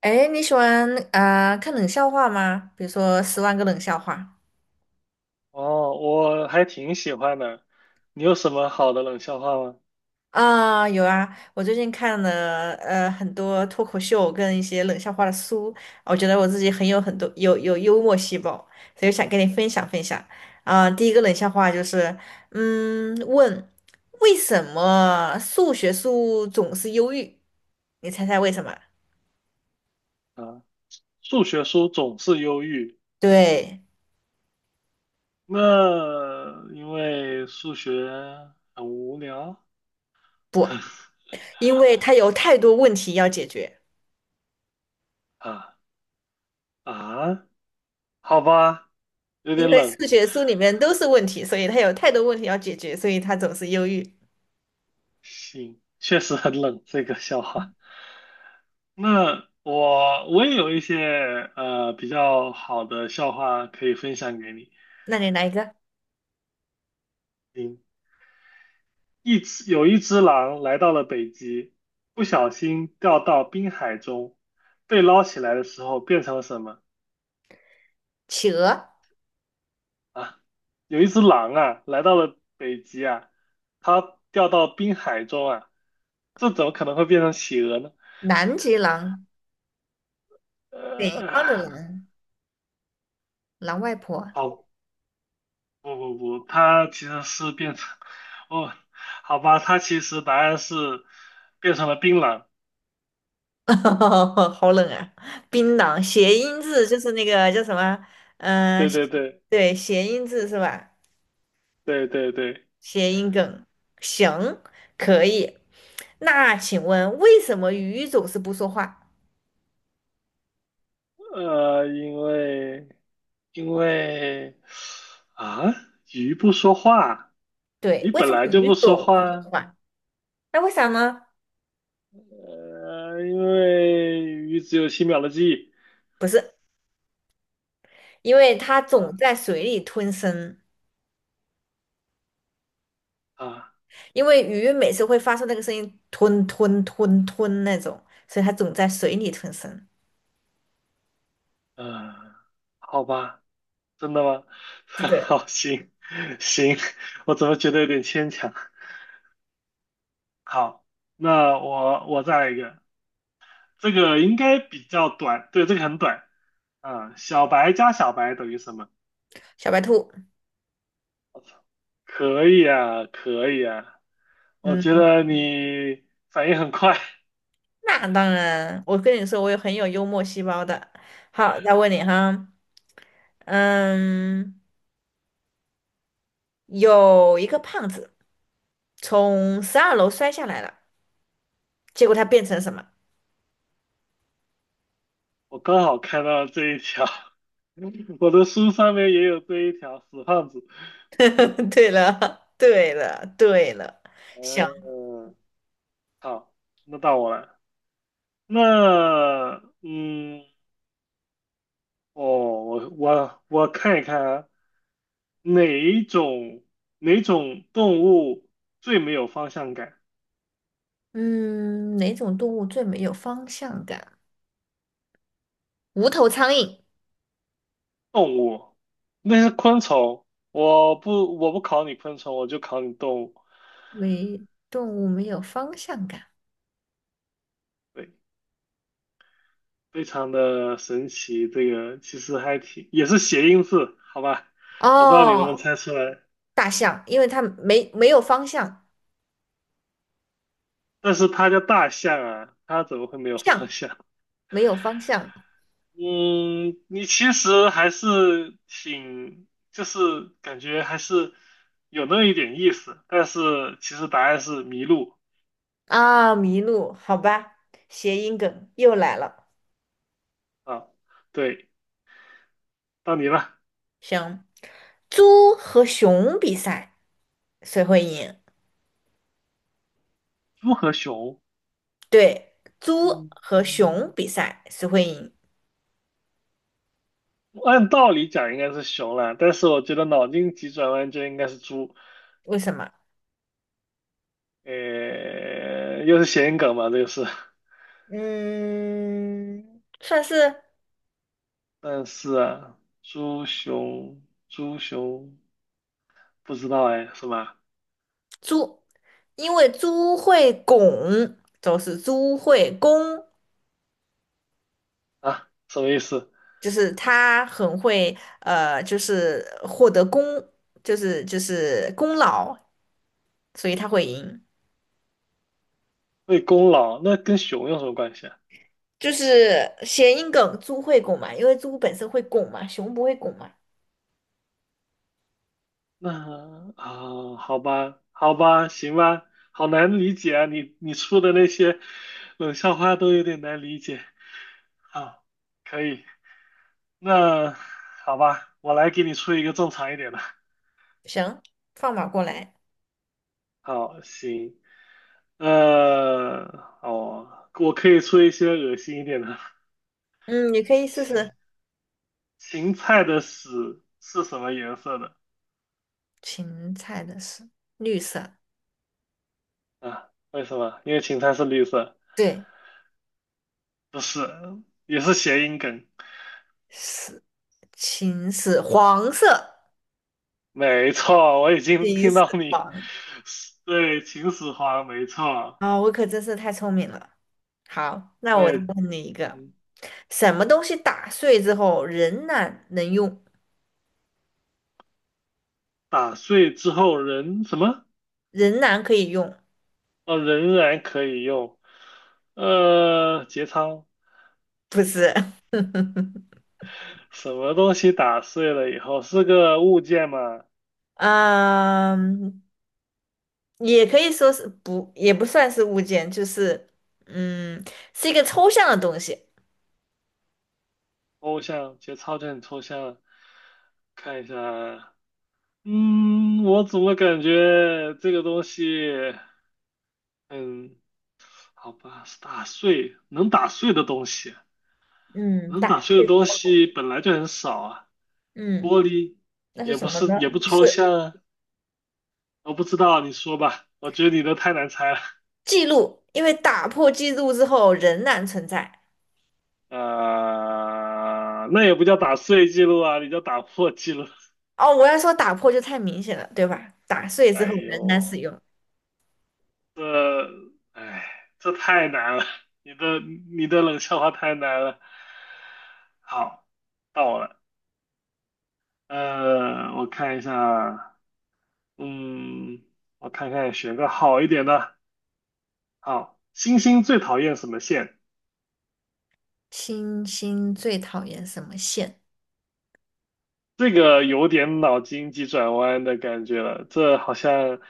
哎，你喜欢啊、看冷笑话吗？比如说《十万个冷笑话》哦，我还挺喜欢的。你有什么好的冷笑话吗？啊，有啊，我最近看了很多脱口秀跟一些冷笑话的书，我觉得我自己很有很多有幽默细胞，所以想跟你分享分享啊、第一个冷笑话就是，嗯，问为什么数学书总是忧郁？你猜猜为什么？啊，数学书总是忧郁，对，那因为数学很无聊。不，因为它有太多问题要解决。啊啊，好吧，有因点为冷，数学书里面都是问题，所以他有太多问题要解决，所以他总是忧郁。行，确实很冷这个笑话。那我也有一些比较好的笑话可以分享给你，那你来一个嗯。有一只狼来到了北极，不小心掉到冰海中，被捞起来的时候变成了什么企鹅、啊？有一只狼啊，来到了北极啊，它掉到冰海中啊，这怎么可能会变成企鹅呢？南极狼、北呃，方的狼、狼外婆，好，不不不，它其实是变成，哦，好吧，它其实答案是变成了槟榔。好冷啊！槟榔谐音字就是那个叫什么？嗯、对呃对对对，谐音字是吧？对对对，谐音梗，行，可以。那请问为什么鱼总是不说话？因为。因为啊，鱼不说话，对，鱼为本什来么就鱼不说总是不话，说话？那为啥呢？因为鱼只有7秒的记忆，不是，因为它总啊在水里吞声，啊因为鱼每次会发出那个声音，吞吞吞吞那种，所以它总在水里吞声。啊，好吧，真的吗？对，好，行行，我怎么觉得有点牵强？好，那我再来一个，这个应该比较短，对，这个很短啊，小白加小白等于什么？小白兔，可以啊，可以啊，我嗯，觉得你反应很快，那当然，我跟你说，我有很有幽默细胞的。好，再问你哈，嗯，有一个胖子从12楼摔下来了，结果他变成什么？我刚好看到这一条，我的书上面也有这一条，死胖子。对了，对了，对了，行，嗯，好，那到我了。那，嗯，哦，我看一看啊，哪一种哪种动物最没有方向感？嗯，哪种动物最没有方向感？无头苍蝇。动物，那是昆虫。我不考你昆虫，我就考你动物。没动物没有方向感。对。非常的神奇，这个其实还挺，也是谐音字，好吧？我不知道你能不能哦，猜出来，大象，因为它没有方向，但是它叫大象啊，它怎么会没有方象向？没有方向嗯，你其实还是挺，就是感觉还是有那么一点意思，但是其实答案是麋鹿啊，麋鹿，好吧，谐音梗又来了。啊。对，到你了，行，猪和熊比赛谁会赢？猪和熊。对，猪嗯和嗯，熊比赛谁会赢？按道理讲应该是熊了，但是我觉得脑筋急转弯就应该是猪。为什么？又是谐音梗嘛，这个是。嗯，算是但是啊，猪熊不知道哎，是吧？猪，因为猪会拱，就是猪会攻，啊，什么意思？就是他很会，就是获得功，就是功劳，所以他会赢。为功劳，那跟熊有什么关系啊？就是谐音梗，猪会拱嘛，因为猪本身会拱嘛，熊不会拱嘛。那啊，好吧，好吧，行吧，好难理解啊，你出的那些冷笑话都有点难理解。好，可以，那好吧，我来给你出一个正常一点的。行，放马过来，好，行。呃，哦，我可以出一些恶心一点的。嗯，你可以试芹试芹菜的屎是什么颜色的？芹菜的是绿色，啊，为什么？因为芹菜是绿色。对，不是，也是谐音梗。是芹是黄色，没错，我已经芹听是到你黄。对秦始皇，没错，啊、我可真是太聪明了。好，那我我再也问你一个，嗯什么东西打碎之后仍然能用？打碎之后仍什么？仍然可以用，哦，仍然可以用。节操，不是？什么东西打碎了以后是个物件吗？嗯，也可以说是不，也不算是物件，就是嗯，是一个抽象的东西。抽象，节操就很抽象。看一下，嗯，我怎么感觉这个东西，嗯，好吧，是打碎，能打碎的东西，嗯，能打，打碎的东西本来就很少啊。嗯，玻璃那是也什不么是，呢？也不抽象啊。我不知道，你说吧，我觉得你的太难猜了。记录，因为打破记录之后仍然存在。那也不叫打碎记录啊，你叫打破记录。哦，我要说打破就太明显了，对吧？打碎之哎后仍然使呦。用。这，哎，这太难了，你的冷笑话太难了。好，到我了。我看一下，嗯，我看看选个好一点的。好，星星最讨厌什么线？星星最讨厌什么线？这个有点脑筋急转弯的感觉了，这好像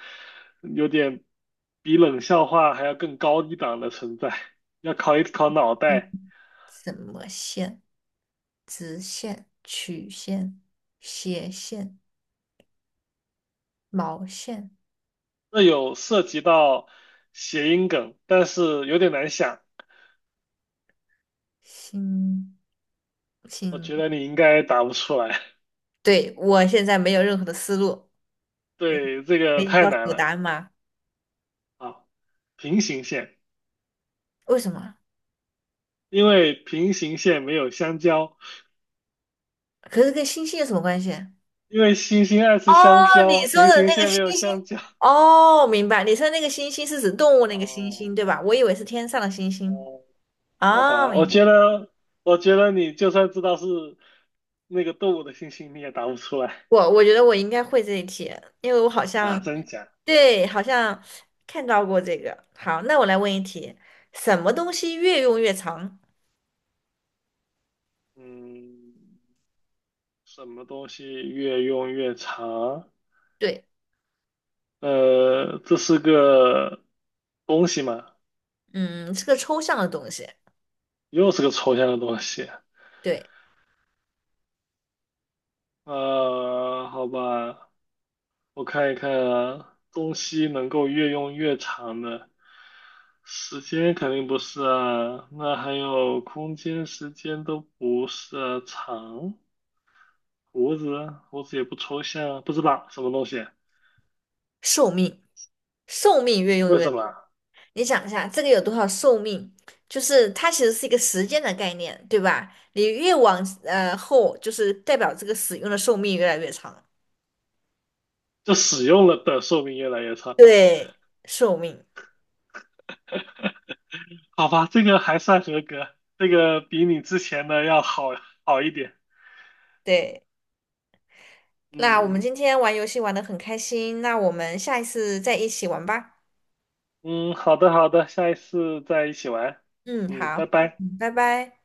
有点比冷笑话还要更高一档的存在，要考一考脑袋。嗯，什么线？直线、曲线、斜线。毛线这有涉及到谐音梗，但是有点难想，星我星，觉得你应该答不出来。对，我现在没有任何的思路，你对，这可个以太告诉难我答了。案吗？啊！平行线，为什么？因为平行线没有香蕉，可是跟星星有什么关系？因为星星爱吃香哦，你蕉，说平的行那个线没星有星，香蕉。哦，明白，你说那个星星是指动物那个星哦，星，对吧？我以为是天上的星星。哦，好哦，吧，明我白。觉得，我觉得你就算知道是那个动物的星星，你也答不出来我我觉得我应该会这一题，因为我好啊，像真假？对，好像看到过这个。好，那我来问一题，什么东西越用越长？嗯，什么东西越用越长？对，这是个东西嘛，嗯，是个抽象的东西。又是个抽象的东西。对，好吧，我看一看啊，东西能够越用越长的，时间肯定不是啊，那还有空间、时间都不是啊长，胡子，胡子也不抽象啊，不知道什么东西，寿命，寿命越用为越，什么啊？你想一下，这个有多少寿命？就是它其实是一个时间的概念，对吧？你越往后，就是代表这个使用的寿命越来越长。就使用了的寿命越来越长。对，寿命，好吧，这个还算合格，这个比你之前的要好一点。对。那我们嗯今天玩游戏玩的很开心，那我们下一次再一起玩吧。嗯，好的好的，下一次再一起玩。嗯，嗯，好，拜拜。嗯，拜拜。